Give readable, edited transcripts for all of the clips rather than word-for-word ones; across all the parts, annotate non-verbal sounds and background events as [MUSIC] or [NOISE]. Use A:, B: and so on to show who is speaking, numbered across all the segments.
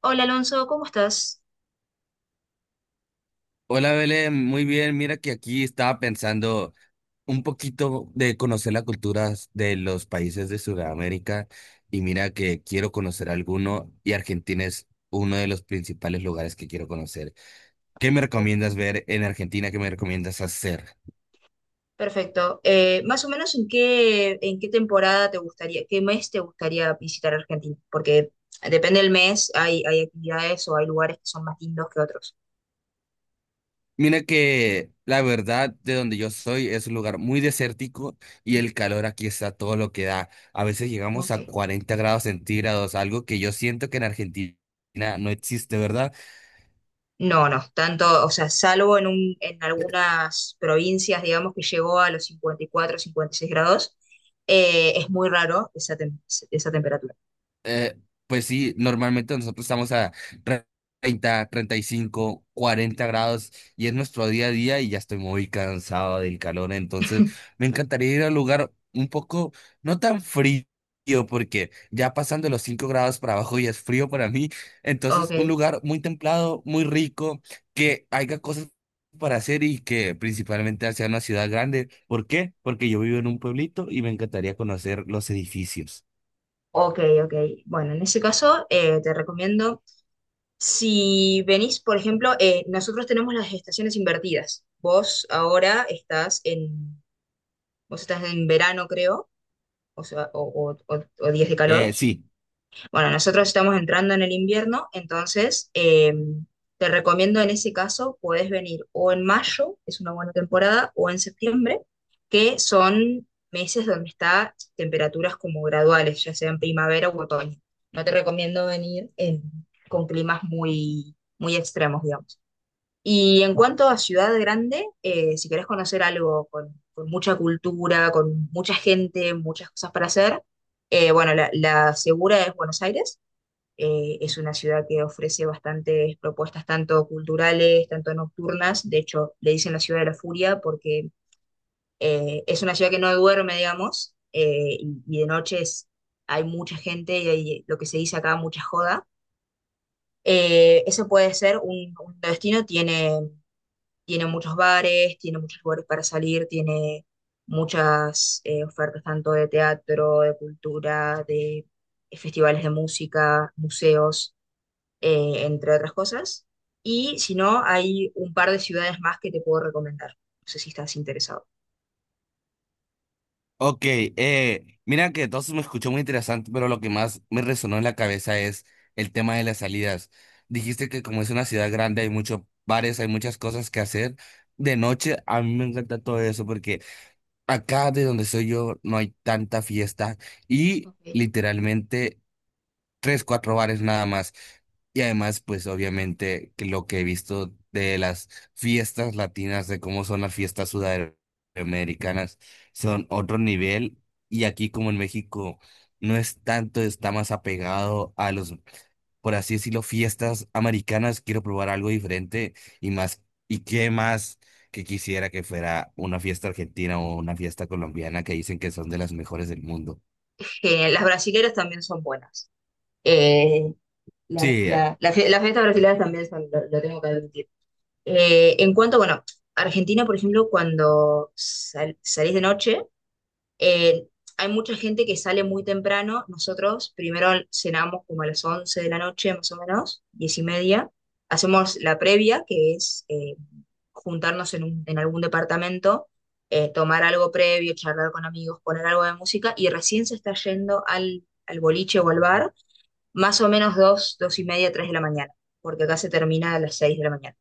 A: Hola Alonso, ¿cómo estás?
B: Hola Belén, muy bien. Mira que aquí estaba pensando un poquito de conocer las culturas de los países de Sudamérica y mira que quiero conocer alguno y Argentina es uno de los principales lugares que quiero conocer. ¿Qué me
A: Ok.
B: recomiendas ver en Argentina? ¿Qué me recomiendas hacer?
A: Perfecto. Más o menos en qué temporada te gustaría, qué mes te gustaría visitar Argentina, porque depende del mes, hay actividades o hay lugares que son más lindos que otros.
B: Mira que la verdad de donde yo soy es un lugar muy desértico y el calor aquí está todo lo que da. A veces llegamos
A: Ok.
B: a 40 grados centígrados, algo que yo siento que en Argentina no existe, ¿verdad?
A: No, no tanto, o sea, en algunas provincias, digamos, que llegó a los cincuenta, cincuenta y cuatro, cincuenta y seis grados. Es muy raro esa temperatura.
B: Eh, pues sí, normalmente nosotros estamos a tre- 30, 35, 40 grados y es nuestro día a día y ya estoy muy cansado del calor, entonces
A: [LAUGHS]
B: me encantaría ir a un lugar un poco no tan frío porque ya pasando los 5 grados para abajo ya es frío para mí, entonces un
A: Ok,
B: lugar muy templado, muy rico, que haya cosas para hacer y que principalmente sea una ciudad grande. ¿Por qué? Porque yo vivo en un pueblito y me encantaría conocer los edificios.
A: ok, ok. Bueno, en ese caso, te recomiendo. Si venís, por ejemplo, nosotros tenemos las estaciones invertidas. Vos estás en verano, creo, o sea, o días de calor.
B: Sí.
A: Bueno, nosotros estamos entrando en el invierno, entonces te recomiendo en ese caso, podés venir o en mayo, es una buena temporada, o en septiembre, que son meses donde está temperaturas como graduales, ya sea en primavera u otoño. No te recomiendo con climas muy muy extremos, digamos. Y en cuanto a ciudad grande, si querés conocer algo con mucha cultura, con mucha gente, muchas cosas para hacer, bueno, la segura es Buenos Aires. Es una ciudad que ofrece bastantes propuestas, tanto culturales, tanto nocturnas. De hecho, le dicen la ciudad de la furia porque es una ciudad que no duerme, digamos. Y hay mucha gente y hay lo que se dice acá, mucha joda. Ese puede ser un destino, tiene tiene muchos bares, tiene muchos lugares para salir, tiene muchas ofertas, tanto de teatro, de cultura, de festivales de música, museos, entre otras cosas. Y si no, hay un par de ciudades más que te puedo recomendar. No sé si estás interesado.
B: Ok, mira que todo eso me escuchó muy interesante, pero lo que más me resonó en la cabeza es el tema de las salidas. Dijiste que como es una ciudad grande hay muchos bares, hay muchas cosas que hacer. De noche a mí me encanta todo eso porque acá de donde soy yo no hay tanta fiesta y
A: Ok.
B: literalmente tres, cuatro bares nada más. Y además, pues obviamente que lo que he visto de las fiestas latinas, de cómo son las fiestas sudamericanas, son otro nivel. Y aquí como en México no es tanto, está más apegado a los, por así decirlo, fiestas americanas. Quiero probar algo diferente y más, y qué más que quisiera que fuera una fiesta argentina o una fiesta colombiana que dicen que son de las mejores del mundo.
A: Que las brasileras también son buenas. Eh, las,
B: Sí,
A: la- la fie- las fiestas brasileras también son, lo tengo que admitir. En cuanto, bueno, Argentina, por ejemplo, cuando salís de noche. Eh, hay mucha gente que sale muy temprano. Nosotros primero cenamos como a las 11 de la noche, más o menos, 10:30. Hacemos la previa, que es juntarnos en algún departamento, tomar algo previo, charlar con amigos, poner algo de música y recién se está yendo al boliche o al bar, más o menos 2, 2:30, 3 de la mañana, porque acá se termina a las 6 de la mañana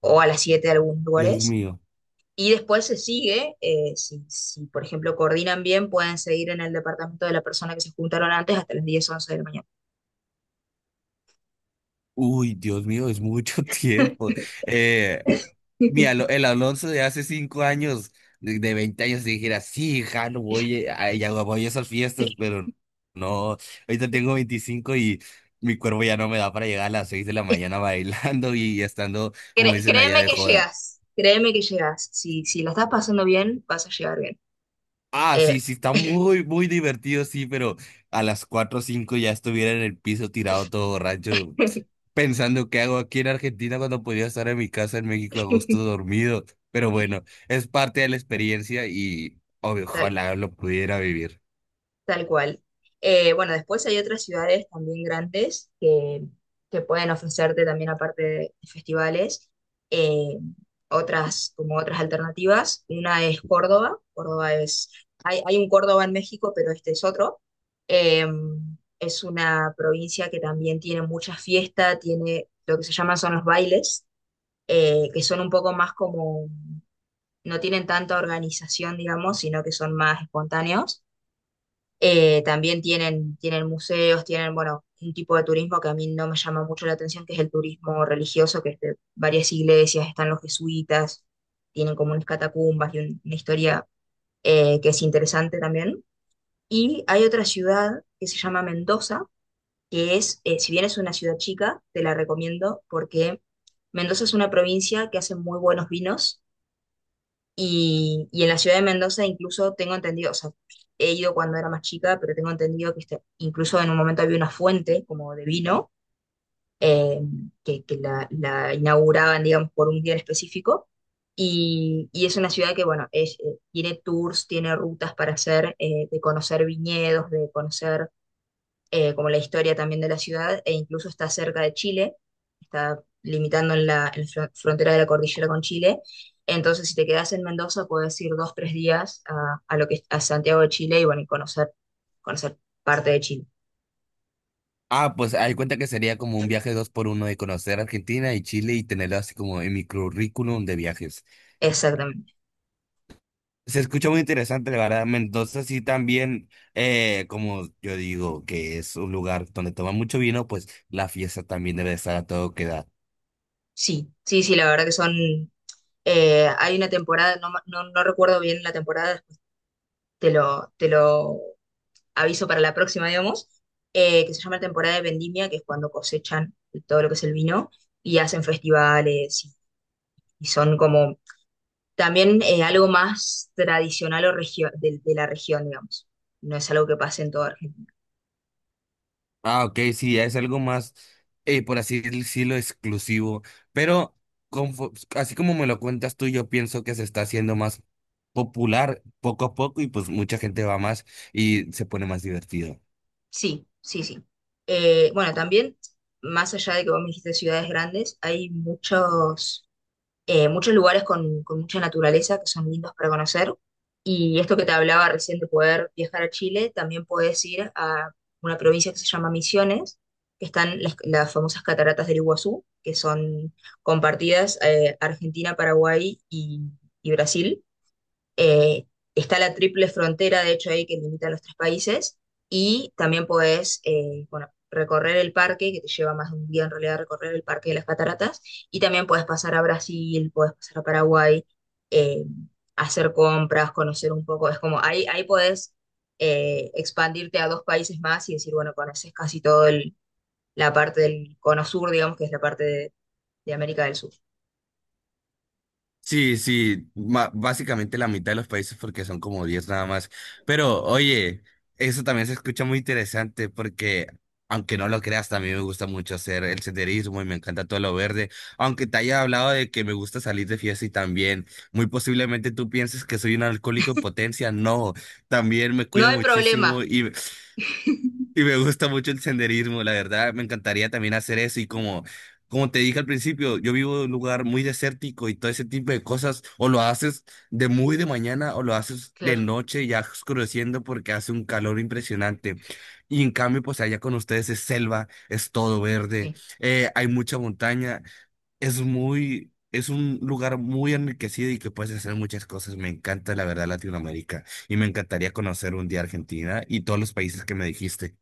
A: o a las 7 de algunos
B: Dios
A: lugares.
B: mío.
A: Y después se sigue. Si, por ejemplo, coordinan bien, pueden seguir en el departamento de la persona que se juntaron antes hasta las 10, 11 de la mañana.
B: Uy, Dios mío, es mucho [LAUGHS] tiempo. Eh,
A: [LAUGHS]
B: El Alonso de hace cinco años, de 20 años, si dijera, sí, ja, no voy a, ya voy a esas fiestas, pero no, ahorita tengo 25 y mi cuerpo ya no me da para llegar a las 6 de la mañana [LAUGHS] bailando y estando, como dicen allá,
A: Créeme
B: de
A: que
B: joda.
A: llegas, créeme que llegas. Si la estás pasando bien, vas a llegar bien.
B: Ah, sí,
A: Eh,
B: sí, está muy, muy divertido, sí, pero a las 4 o 5 ya estuviera en el piso tirado todo borracho, pensando qué hago aquí en Argentina cuando podía estar en mi casa en México a gusto
A: [LAUGHS]
B: dormido. Pero bueno, es parte de la experiencia y obvio,
A: Dale.
B: ojalá lo pudiera vivir.
A: Tal cual. Bueno, después hay otras ciudades también grandes que pueden ofrecerte también, aparte de festivales, eh, otras, como otras alternativas. Una es Córdoba. Hay un Córdoba en México, pero este es otro. Eh, es una provincia que también tiene mucha fiesta, tiene lo que se llaman son los bailes, que son un poco más como, no tienen tanta organización, digamos, sino que son más espontáneos. También tienen museos, tienen, bueno, un tipo de turismo que a mí no me llama mucho la atención, que es el turismo religioso, que es de varias iglesias, están los jesuitas, tienen como unas catacumbas y una historia que es interesante también. Y hay otra ciudad que se llama Mendoza, que es, si bien es una ciudad chica, te la recomiendo porque Mendoza es una provincia que hace muy buenos vinos y en la ciudad de Mendoza incluso tengo entendido, o sea, he ido cuando era más chica, pero tengo entendido que incluso en un momento había una fuente como de vino eh, que la inauguraban, digamos, por un día en específico. Y es una ciudad que, bueno, es, tiene tours, tiene rutas para hacer, de conocer viñedos, de conocer como la historia también de la ciudad, e incluso está cerca de Chile, está limitando en la frontera de la cordillera con Chile. Entonces, si te quedas en Mendoza, puedes ir 2, 3 días a lo que, es- a Santiago de Chile, y bueno, y conocer, conocer parte de Chile.
B: Ah, pues hay cuenta que sería como un viaje dos por uno de conocer Argentina y Chile y tenerlo así como en mi currículum de viajes.
A: Exactamente.
B: Se escucha muy interesante, la verdad. Mendoza sí también, como yo digo, que es un lugar donde toma mucho vino, pues la fiesta también debe estar a todo que da.
A: Sí, sí, sí, la verdad que son... hay una temporada, no recuerdo bien la temporada, te lo aviso para la próxima, digamos. Que se llama temporada de vendimia, que es cuando cosechan todo lo que es el vino y hacen festivales y son como también, algo más tradicional o de la región, digamos. No es algo que pase en toda Argentina.
B: Ah, ok, sí, es algo más, por así decirlo, exclusivo. Pero así como me lo cuentas tú, yo pienso que se está haciendo más popular poco a poco y pues mucha gente va más y se pone más divertido.
A: Sí, sí, sí. Bueno, también, más allá de que vos me dijiste ciudades grandes, hay muchos muchos lugares con mucha naturaleza que son lindos para conocer. Y esto que te hablaba recién de poder viajar a Chile, también puedes ir a una provincia que se llama Misiones, que están las famosas cataratas del Iguazú, que son compartidas Argentina, Paraguay y Brasil. Eh, está la triple frontera, de hecho, ahí que limita a los tres países. Y también podés, bueno, recorrer el parque, que te lleva más de un día en realidad recorrer el parque de las cataratas. Y también podés pasar a Brasil, podés pasar a Paraguay, eh, hacer compras, conocer un poco. Es como, ahí podés expandirte a dos países más y decir, bueno, conoces casi todo la parte del cono sur, digamos, que es la parte de América del Sur.
B: Sí, sí, básicamente la mitad de los países porque son como 10 nada más. Pero oye, eso también se escucha muy interesante porque, aunque no lo creas, también me gusta mucho hacer el senderismo y me encanta todo lo verde. Aunque te haya hablado de que me gusta salir de fiesta y también, muy posiblemente tú pienses que soy un alcohólico en potencia. No, también me
A: No
B: cuido
A: hay problema,
B: muchísimo y me gusta mucho el senderismo, la verdad, me encantaría también hacer eso y como, como te dije al principio, yo vivo en un lugar muy desértico y todo ese tipo de cosas, o lo haces de muy de mañana o lo haces de
A: claro,
B: noche ya oscureciendo porque hace un calor impresionante. Y en cambio, pues allá con ustedes es selva, es todo verde,
A: sí.
B: hay mucha montaña, es muy, es un lugar muy enriquecido y que puedes hacer muchas cosas. Me encanta, la verdad, Latinoamérica y me encantaría conocer un día Argentina y todos los países que me dijiste.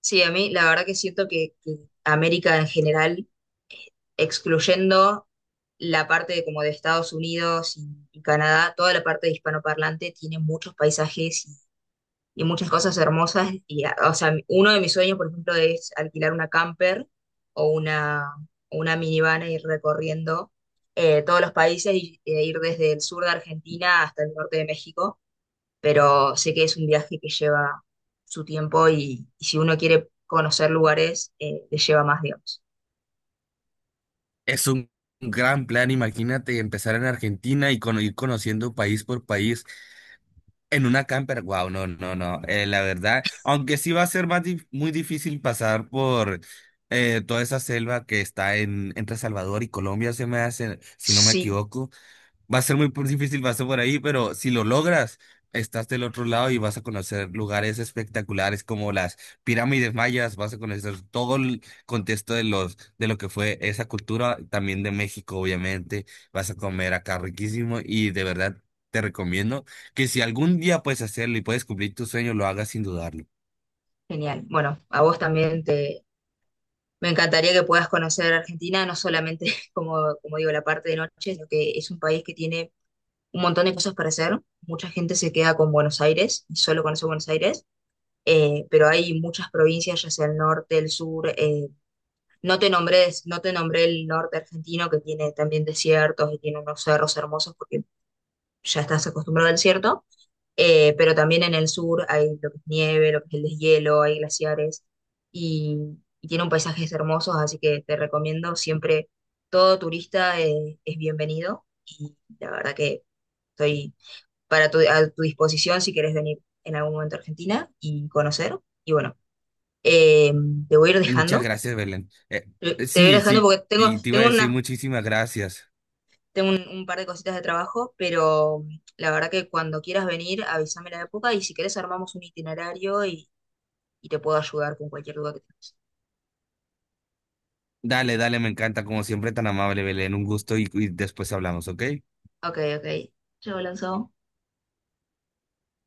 A: Sí, a mí la verdad que siento que América en general, excluyendo la parte de como de Estados Unidos y Canadá, toda la parte de hispanoparlante tiene muchos paisajes y muchas cosas hermosas. Y, o sea, uno de mis sueños, por ejemplo, es alquilar una camper o una, o una minivan e ir recorriendo todos los países e ir desde el sur de Argentina hasta el norte de México, pero sé que es un viaje que lleva su tiempo y si uno quiere conocer lugares, le lleva más, digamos.
B: Es un gran plan, imagínate empezar en Argentina y ir conociendo país por país en una camper. Wow, no, no, no. La verdad, aunque sí va a ser muy difícil pasar por toda esa selva que está en, entre Salvador y Colombia, se me hace, si no me
A: Sí,
B: equivoco. Va a ser difícil, va a ser por ahí, pero si lo logras, estás del otro lado y vas a conocer lugares espectaculares como las pirámides mayas, vas a conocer todo el contexto de los, de lo que fue esa cultura, también de México, obviamente, vas a comer acá riquísimo y de verdad te recomiendo que si algún día puedes hacerlo y puedes cumplir tu sueño, lo hagas sin dudarlo.
A: genial. Bueno, a vos también te... Me encantaría que puedas conocer Argentina, no solamente, [LAUGHS] como digo, la parte de noche, sino que es un país que tiene un montón de cosas para hacer. Mucha gente se queda con Buenos Aires y solo conoce Buenos Aires, pero hay muchas provincias, ya sea el norte, el sur. No te nombré, no te nombré el norte argentino, que tiene también desiertos y tiene unos cerros hermosos, porque ya estás acostumbrado al desierto. Pero también en el sur hay lo que es nieve, lo que es el deshielo, hay glaciares y, y tiene un paisajes hermosos, así que te recomiendo siempre, todo turista es bienvenido, y la verdad que estoy a tu disposición si quieres venir en algún momento a Argentina y conocer. Y bueno, eh, te voy a ir
B: Muchas
A: dejando.
B: gracias, Belén.
A: Te voy a ir
B: Sí,
A: dejando
B: sí,
A: porque
B: y te iba a decir muchísimas gracias.
A: tengo un par de cositas de trabajo, pero la verdad que cuando quieras venir, avísame la época y si querés armamos un itinerario y te puedo ayudar con cualquier duda que tengas.
B: Dale, dale, me encanta, como siempre, tan amable, Belén. Un gusto y después hablamos, ¿ok?
A: Ok, ok. Chao, Alonso.